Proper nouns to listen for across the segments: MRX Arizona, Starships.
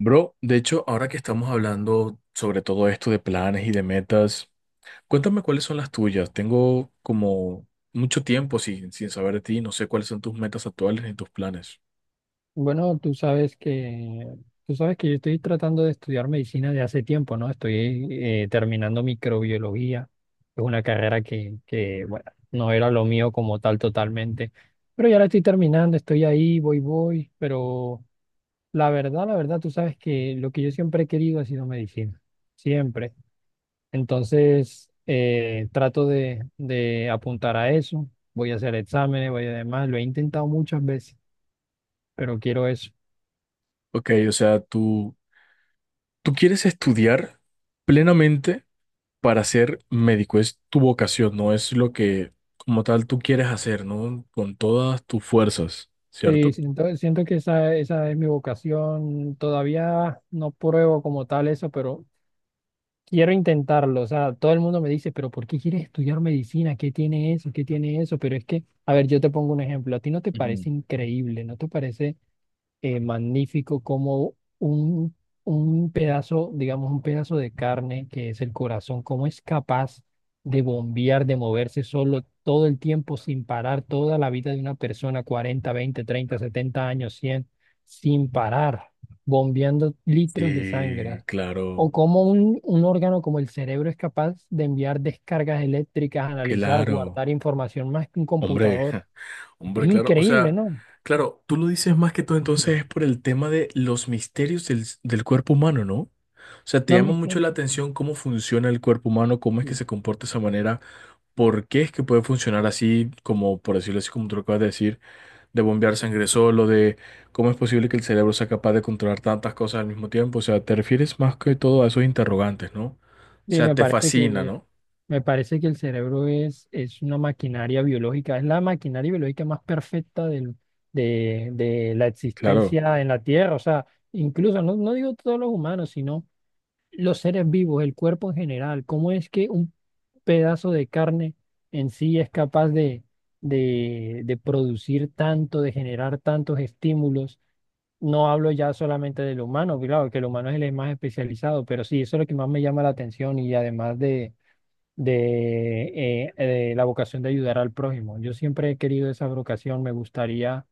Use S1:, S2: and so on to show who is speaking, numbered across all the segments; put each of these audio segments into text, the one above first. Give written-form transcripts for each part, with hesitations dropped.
S1: Bro, de hecho, ahora que estamos hablando sobre todo esto de planes y de metas, cuéntame cuáles son las tuyas. Tengo como mucho tiempo sin saber de ti, no sé cuáles son tus metas actuales ni tus planes.
S2: Bueno, tú sabes que yo estoy tratando de estudiar medicina de hace tiempo, ¿no? Estoy terminando microbiología. Es una carrera que, bueno, no era lo mío como tal totalmente. Pero ya la estoy terminando, estoy ahí, voy. Pero la verdad, tú sabes que lo que yo siempre he querido ha sido medicina. Siempre. Entonces, trato de apuntar a eso. Voy a hacer exámenes, voy a demás. Lo he intentado muchas veces, pero quiero eso.
S1: Ok, o sea, tú quieres estudiar plenamente para ser médico, es tu vocación, no es lo que como tal tú quieres hacer, ¿no? Con todas tus fuerzas,
S2: Sí,
S1: ¿cierto?
S2: siento que esa es mi vocación. Todavía no pruebo como tal eso, pero quiero intentarlo. O sea, todo el mundo me dice, pero ¿por qué quieres estudiar medicina? ¿Qué tiene eso? ¿Qué tiene eso? Pero es que, a ver, yo te pongo un ejemplo. ¿A ti no te
S1: Mm.
S2: parece increíble? ¿No te parece? Magnífico como un pedazo, digamos, un pedazo de carne que es el corazón, cómo es capaz de bombear, de moverse solo todo el tiempo sin parar, toda la vida de una persona, 40 20 30 70 años, 100 sin parar, bombeando litros de
S1: Sí,
S2: sangre. O
S1: claro,
S2: cómo un órgano como el cerebro es capaz de enviar descargas eléctricas, analizar,
S1: claro.
S2: guardar información más que un
S1: Hombre,
S2: computador.
S1: ja,
S2: Es
S1: hombre, claro. O
S2: increíble,
S1: sea,
S2: ¿no?
S1: claro, tú lo dices más que todo
S2: Sí.
S1: entonces es por el tema de los misterios del cuerpo humano, ¿no? O sea, te
S2: Los
S1: llama mucho la
S2: misterios.
S1: atención cómo funciona el cuerpo humano, cómo es que
S2: Sí.
S1: se comporta de esa manera. ¿Por qué es que puede funcionar así, como por decirlo así, como tú lo acabas de decir, de bombear sangre solo, de cómo es posible que el cerebro sea capaz de controlar tantas cosas al mismo tiempo? O sea, te refieres más que todo a esos interrogantes, ¿no? O
S2: Sí,
S1: sea, te fascina, ¿no?
S2: me parece que el cerebro es una maquinaria biológica, es la maquinaria biológica más perfecta del, de la
S1: Claro,
S2: existencia en la Tierra. O sea, incluso, no digo todos los humanos, sino los seres vivos, el cuerpo en general. ¿Cómo es que un pedazo de carne en sí es capaz de producir tanto, de generar tantos estímulos? No hablo ya solamente del humano, claro, que el humano es el más especializado, pero sí, eso es lo que más me llama la atención y además de de la vocación de ayudar al prójimo. Yo siempre he querido esa vocación, me gustaría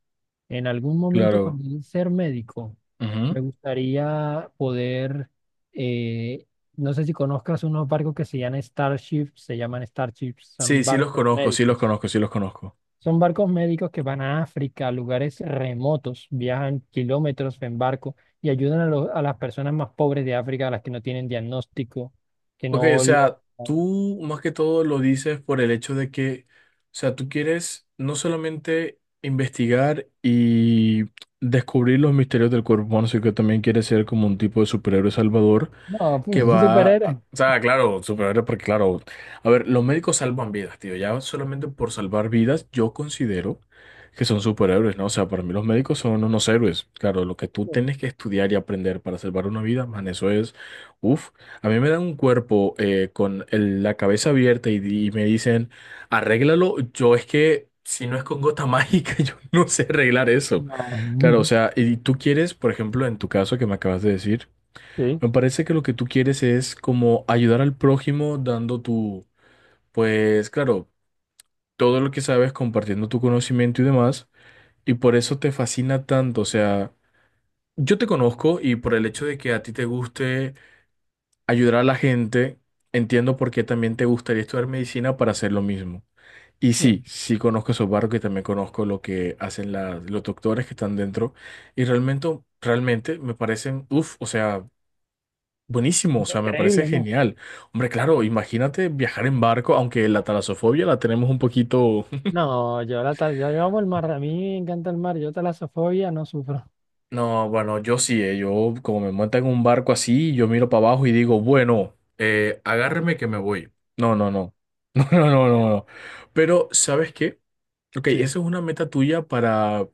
S2: en algún momento
S1: claro.
S2: cuando llegue a ser médico,
S1: Ujú.
S2: me gustaría poder, eh, no sé si conozcas unos barcos que se llaman Starships,
S1: Sí,
S2: son
S1: sí los
S2: barcos
S1: conozco, sí los
S2: médicos.
S1: conozco, sí los conozco.
S2: Son barcos médicos que van a África, a lugares remotos, viajan kilómetros en barco y ayudan a, a las personas más pobres de África, a las que no tienen diagnóstico, que
S1: Ok, o
S2: no, la-
S1: sea, tú más que todo lo dices por el hecho de que, o sea, tú quieres no solamente investigar y descubrir los misterios del cuerpo humano, sino que también quieres ser como un tipo de superhéroe salvador
S2: No,
S1: que
S2: pues un
S1: va,
S2: superhéroe.
S1: o sea, claro, superhéroe, porque claro, a ver, los médicos salvan vidas, tío, ya solamente por salvar vidas yo considero que son superhéroes, ¿no? O sea, para mí los médicos son unos héroes, claro, lo que tú tienes que estudiar y aprender para salvar una vida, man, eso es, uff, a mí me dan un cuerpo con la cabeza abierta y, y me dicen, arréglalo, yo es que... Si no es con gota mágica, yo no sé arreglar eso. Claro, o
S2: No.
S1: sea, y tú quieres, por ejemplo, en tu caso que me acabas de decir,
S2: Sí,
S1: me parece que lo que tú quieres es como ayudar al prójimo dando tu, pues claro, todo lo que sabes, compartiendo tu conocimiento y demás, y por eso te fascina tanto. O sea, yo te conozco y por el hecho de que a ti te guste ayudar a la gente, entiendo por qué también te gustaría estudiar medicina para hacer lo mismo. Y
S2: sí.
S1: sí, sí conozco esos barcos y también conozco lo que hacen los doctores que están dentro y realmente, realmente me parecen, uff, o sea... Buenísimo, o
S2: Es
S1: sea, me parece
S2: increíble, ¿no?
S1: genial. Hombre, claro, imagínate viajar en barco, aunque la talasofobia la tenemos un poquito...
S2: No, yo la tal, yo amo el mar, a mí me encanta el mar, yo talasofobia no sufro.
S1: No, bueno, yo sí, yo como me monta en un barco así, yo miro para abajo y digo, bueno, agárreme que me voy. No, no, no. No, no, no, no,
S2: Bueno,
S1: no. Pero, ¿sabes qué? Ok, esa
S2: sí.
S1: es una meta tuya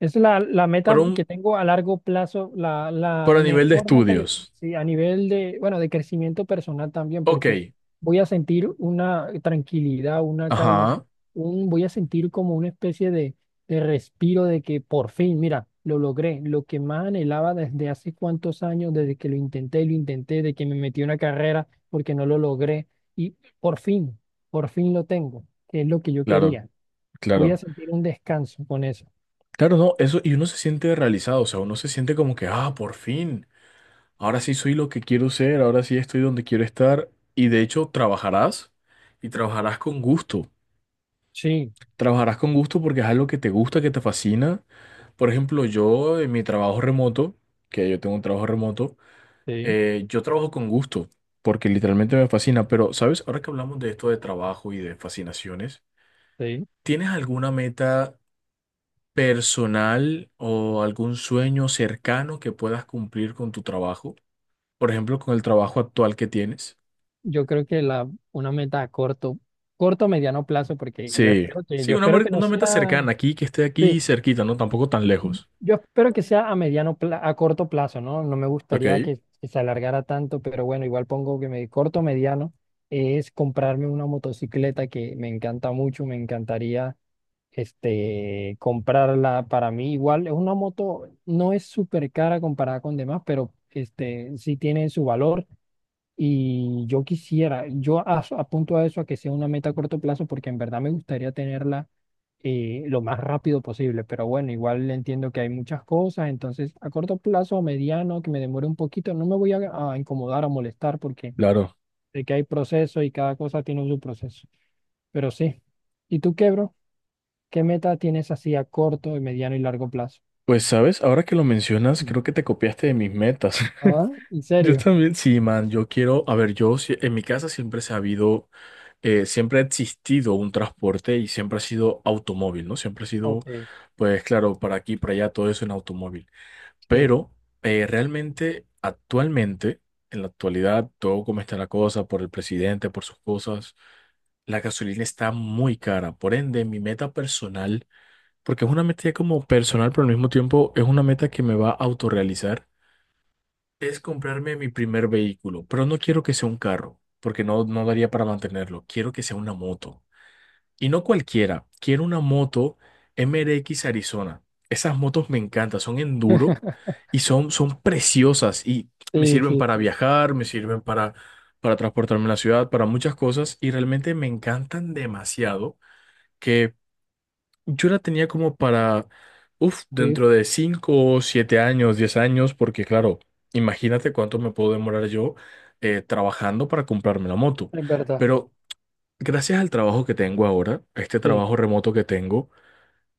S2: Es la meta
S1: para un,
S2: que tengo a largo plazo, la
S1: para nivel de
S2: mejor meta que tengo,
S1: estudios.
S2: sí, a nivel de, bueno, de crecimiento personal también,
S1: Ok,
S2: porque voy a sentir una tranquilidad, una calma,
S1: ajá,
S2: un- voy a sentir como una especie de respiro de que por fin, mira, lo logré, lo que más anhelaba desde hace cuántos años, desde que lo intenté, y lo intenté, de que me metí a una carrera porque no lo logré, y por fin, por fin lo tengo, que es lo que yo
S1: claro,
S2: quería. Voy a
S1: claro.
S2: sentir un descanso con eso.
S1: Claro, no, eso, y uno se siente realizado, o sea, uno se siente como que, ah, por fin. Ahora sí soy lo que quiero ser, ahora sí estoy donde quiero estar y de hecho trabajarás y trabajarás con gusto.
S2: Sí.
S1: Trabajarás con gusto porque es algo que te gusta, que te fascina. Por ejemplo, yo en mi trabajo remoto, que yo tengo un trabajo remoto,
S2: Sí.
S1: yo trabajo con gusto porque literalmente me fascina. Pero, ¿sabes? Ahora que hablamos de esto de trabajo y de fascinaciones,
S2: Sí,
S1: ¿tienes alguna meta personal o algún sueño cercano que puedas cumplir con tu trabajo? Por ejemplo, con el trabajo actual que tienes.
S2: yo creo que la, una meta a corto, corto o mediano plazo, porque
S1: Sí, sí,
S2: yo espero que no
S1: una meta
S2: sea,
S1: cercana aquí, que esté
S2: sí,
S1: aquí cerquita, ¿no? Tampoco tan lejos.
S2: yo espero que sea a mediano, pla- a corto plazo, ¿no? No me
S1: Ok,
S2: gustaría que se alargara tanto, pero bueno, igual pongo que me corto o mediano es comprarme una motocicleta que me encanta mucho, me encantaría este, comprarla para mí. Igual es una moto, no es súper cara comparada con demás, pero este, sí tiene su valor. Y yo quisiera, yo as- apunto a eso a que sea una meta a corto plazo porque en verdad me gustaría tenerla, lo más rápido posible, pero bueno, igual entiendo que hay muchas cosas, entonces a corto plazo, mediano, que me demore un poquito, no me voy a incomodar, a molestar porque
S1: claro.
S2: sé que hay proceso y cada cosa tiene su proceso, pero sí. ¿Y tú qué, bro? ¿Qué meta tienes así a corto, mediano y largo plazo?
S1: Pues, ¿sabes? Ahora que lo mencionas,
S2: Mm.
S1: creo que te copiaste de mis metas.
S2: ¿Ah? ¿En
S1: Yo
S2: serio?
S1: también, sí, man, yo quiero, a ver, yo si- en mi casa siempre se ha habido, siempre ha existido un transporte y siempre ha sido automóvil, ¿no? Siempre ha sido,
S2: Ok,
S1: pues claro, para aquí, para allá, todo eso en automóvil.
S2: sí.
S1: Pero realmente, actualmente, en la actualidad, todo como está la cosa, por el presidente, por sus cosas. La gasolina está muy cara, por ende, mi meta personal, porque es una meta ya como personal, pero al mismo tiempo es una meta que me va a autorrealizar, es comprarme mi primer vehículo, pero no quiero que sea un carro, porque no, no daría para mantenerlo, quiero que sea una moto. Y no cualquiera, quiero una moto MRX Arizona. Esas motos me encantan, son enduro y son, son preciosas y me
S2: Sí,
S1: sirven
S2: sí,
S1: para
S2: sí,
S1: viajar, me sirven para transportarme en la ciudad, para muchas cosas y realmente me encantan demasiado que yo la tenía como para, uff,
S2: sí,
S1: dentro de 5, 7 años, 10 años, porque claro, imagínate cuánto me puedo demorar yo trabajando para comprarme la moto.
S2: es verdad,
S1: Pero gracias al trabajo que tengo ahora, a este
S2: sí.
S1: trabajo remoto que tengo,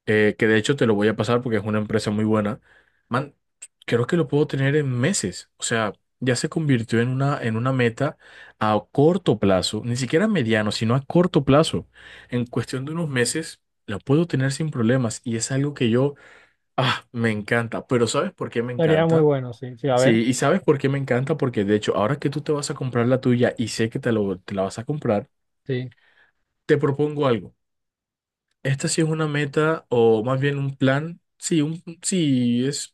S1: que de hecho te lo voy a pasar porque es una empresa muy buena. Man, creo que lo puedo tener en meses. O sea, ya se convirtió en una meta a corto plazo, ni siquiera a mediano, sino a corto plazo. En cuestión de unos meses, la puedo tener sin problemas y es algo que yo, ah, me encanta. Pero ¿sabes por qué me
S2: Sería muy
S1: encanta?
S2: bueno, sí. Sí, a
S1: Sí,
S2: ver,
S1: y ¿sabes por qué me encanta? Porque de hecho, ahora que tú te vas a comprar la tuya y sé que te la vas a comprar,
S2: sí,
S1: te propongo algo. Esta sí es una meta o más bien un plan. Sí, es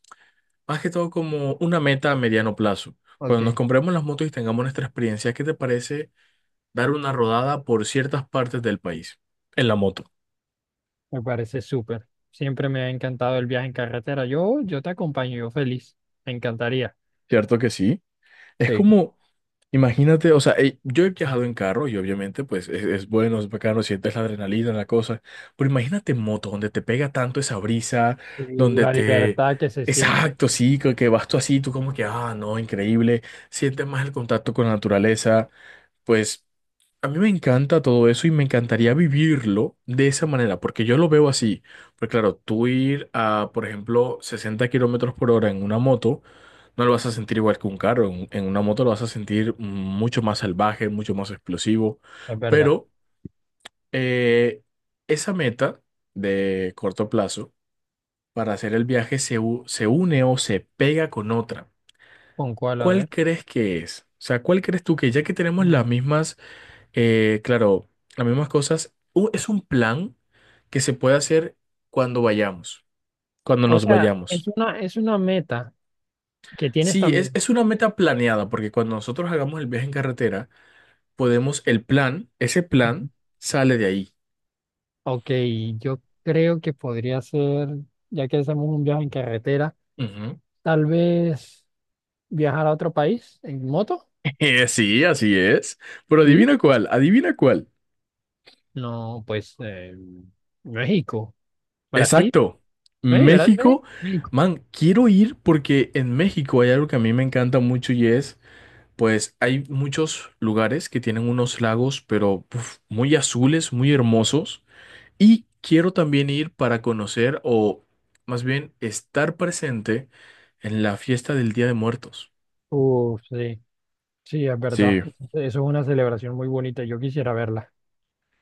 S1: más que todo como una meta a mediano plazo. Cuando nos
S2: Ok.
S1: compremos las motos y tengamos nuestra experiencia, ¿qué te parece dar una rodada por ciertas partes del país en la moto?
S2: Me parece súper. Siempre me ha encantado el viaje en carretera. Yo te acompaño, yo feliz. Me encantaría.
S1: Cierto que sí. Es
S2: Sí.
S1: como, imagínate, o sea, yo he viajado en carro y obviamente pues es, bueno, es bacano, sientes la adrenalina, la cosa, pero imagínate en moto donde te pega tanto esa brisa,
S2: Y
S1: donde
S2: la
S1: te...
S2: libertad que se siente.
S1: Exacto, sí, que vas tú así, tú como que, ah, no, increíble, sientes más el contacto con la naturaleza, pues... A mí me encanta todo eso y me encantaría vivirlo de esa manera, porque yo lo veo así. Porque claro, tú ir a, por ejemplo, 60 kilómetros por hora en una moto, no lo vas a sentir igual que un carro. En una moto lo vas a sentir mucho más salvaje, mucho más explosivo.
S2: Es verdad.
S1: Pero eh, esa meta de corto plazo para hacer el viaje se une o se pega con otra.
S2: ¿Con cuál? A
S1: ¿Cuál
S2: ver.
S1: crees que es? O sea, ¿cuál crees tú que ya que tenemos las
S2: Mm.
S1: mismas claro, las mismas cosas. Es un plan que se puede hacer cuando vayamos, cuando
S2: O
S1: nos
S2: sea,
S1: vayamos.
S2: es una meta que tienes
S1: Sí,
S2: también.
S1: es una meta planeada, porque cuando nosotros hagamos el viaje en carretera, podemos, el plan, ese
S2: Ujú.
S1: plan sale de ahí.
S2: Ok, yo creo que podría ser, ya que hacemos un viaje en carretera,
S1: Ujú.
S2: tal vez viajar a otro país en moto,
S1: Sí, así es. Pero
S2: ¿sí?
S1: adivina cuál, adivina cuál.
S2: No, pues México, Brasil.
S1: Exacto.
S2: Ey, ¿verdad? Ey,
S1: México,
S2: México.
S1: man, quiero ir porque en México hay algo que a mí me encanta mucho y es pues hay muchos lugares que tienen unos lagos, pero uf, muy azules, muy hermosos. Y quiero también ir para conocer o más bien estar presente en la fiesta del Día de Muertos.
S2: Uf, sí, sí, es verdad.
S1: Sí,
S2: Eso es una celebración muy bonita. Yo quisiera verla.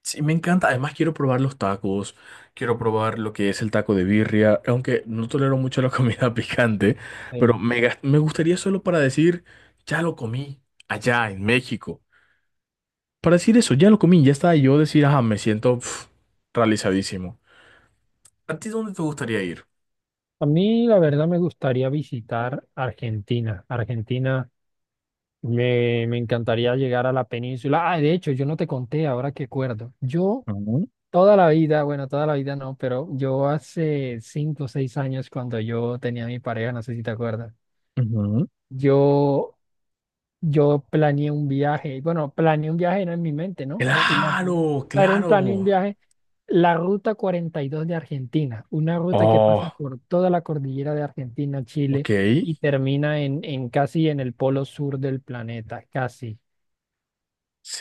S1: sí, me encanta. Además quiero probar los tacos, quiero probar lo que es el taco de birria, aunque no tolero mucho la comida picante, pero
S2: Ey.
S1: me, me gustaría solo para decir, ya lo comí allá en México. Para decir eso, ya lo comí, ya estaba yo decir, ajá, me siento pf, realizadísimo. ¿A ti dónde te gustaría ir?
S2: A mí, la verdad, me gustaría visitar Argentina. Argentina, me encantaría llegar a la península. Ah, de hecho, yo no te conté, ahora que acuerdo. Yo
S1: Ujú,
S2: toda la vida, bueno, toda la vida no, pero yo hace 5 o 6 años, cuando yo tenía a mi pareja, no sé si te acuerdas,
S1: ujú.
S2: yo Yo planeé un viaje, bueno, planeé un viaje era en mi mente, ¿no? Imagino.
S1: Claro,
S2: Era un
S1: claro.
S2: planeé un viaje, la ruta 42 de Argentina, una ruta que pasa
S1: Oh,
S2: por toda la cordillera de Argentina, Chile
S1: ok,
S2: y termina en casi en el polo sur del planeta, casi.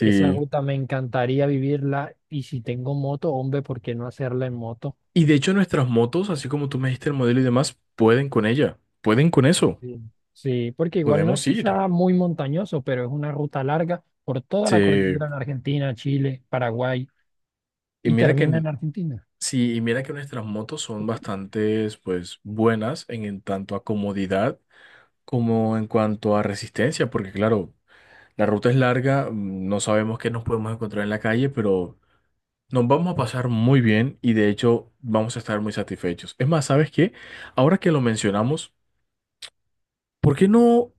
S2: Esa ruta me encantaría vivirla y si tengo moto, hombre, ¿por qué no hacerla en moto?
S1: Y de hecho nuestras motos, así como tú me dijiste el modelo y demás, pueden con ella, pueden con eso,
S2: Sí, sí, porque igual no es
S1: podemos
S2: que
S1: ir.
S2: sea muy montañoso, pero es una ruta larga por toda la
S1: Sí.
S2: cordillera en Argentina, Chile, Paraguay.
S1: Y
S2: Y
S1: mira que,
S2: termina en Argentina.
S1: sí, y mira que nuestras motos son bastante, pues, buenas en tanto a comodidad como en cuanto a resistencia, porque claro, la ruta es larga, mm, no sabemos qué nos podemos encontrar en la calle, pero nos vamos a pasar muy bien y de hecho vamos a estar muy satisfechos. Es más, ¿sabes qué? Ahora que lo mencionamos, ¿por qué no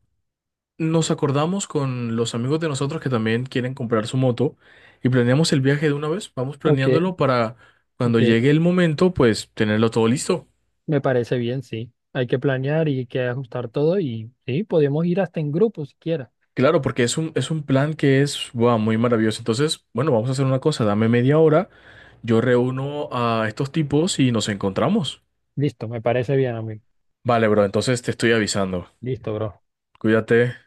S1: nos acordamos con los amigos de nosotros que también quieren comprar su moto y planeamos el viaje de una vez? Vamos
S2: Ok,
S1: planeándolo para cuando
S2: ok,
S1: llegue el momento, pues tenerlo todo listo.
S2: me parece bien, sí. Hay que planear y hay que ajustar todo y sí, podemos ir hasta en grupo si quieres.
S1: Claro, porque es un plan que es guau, muy maravilloso. Entonces, bueno, vamos a hacer una cosa, dame media hora, yo reúno a estos tipos y nos encontramos.
S2: Listo, me parece bien, amigo.
S1: Vale, bro, entonces te estoy avisando.
S2: Listo, bro.
S1: Cuídate.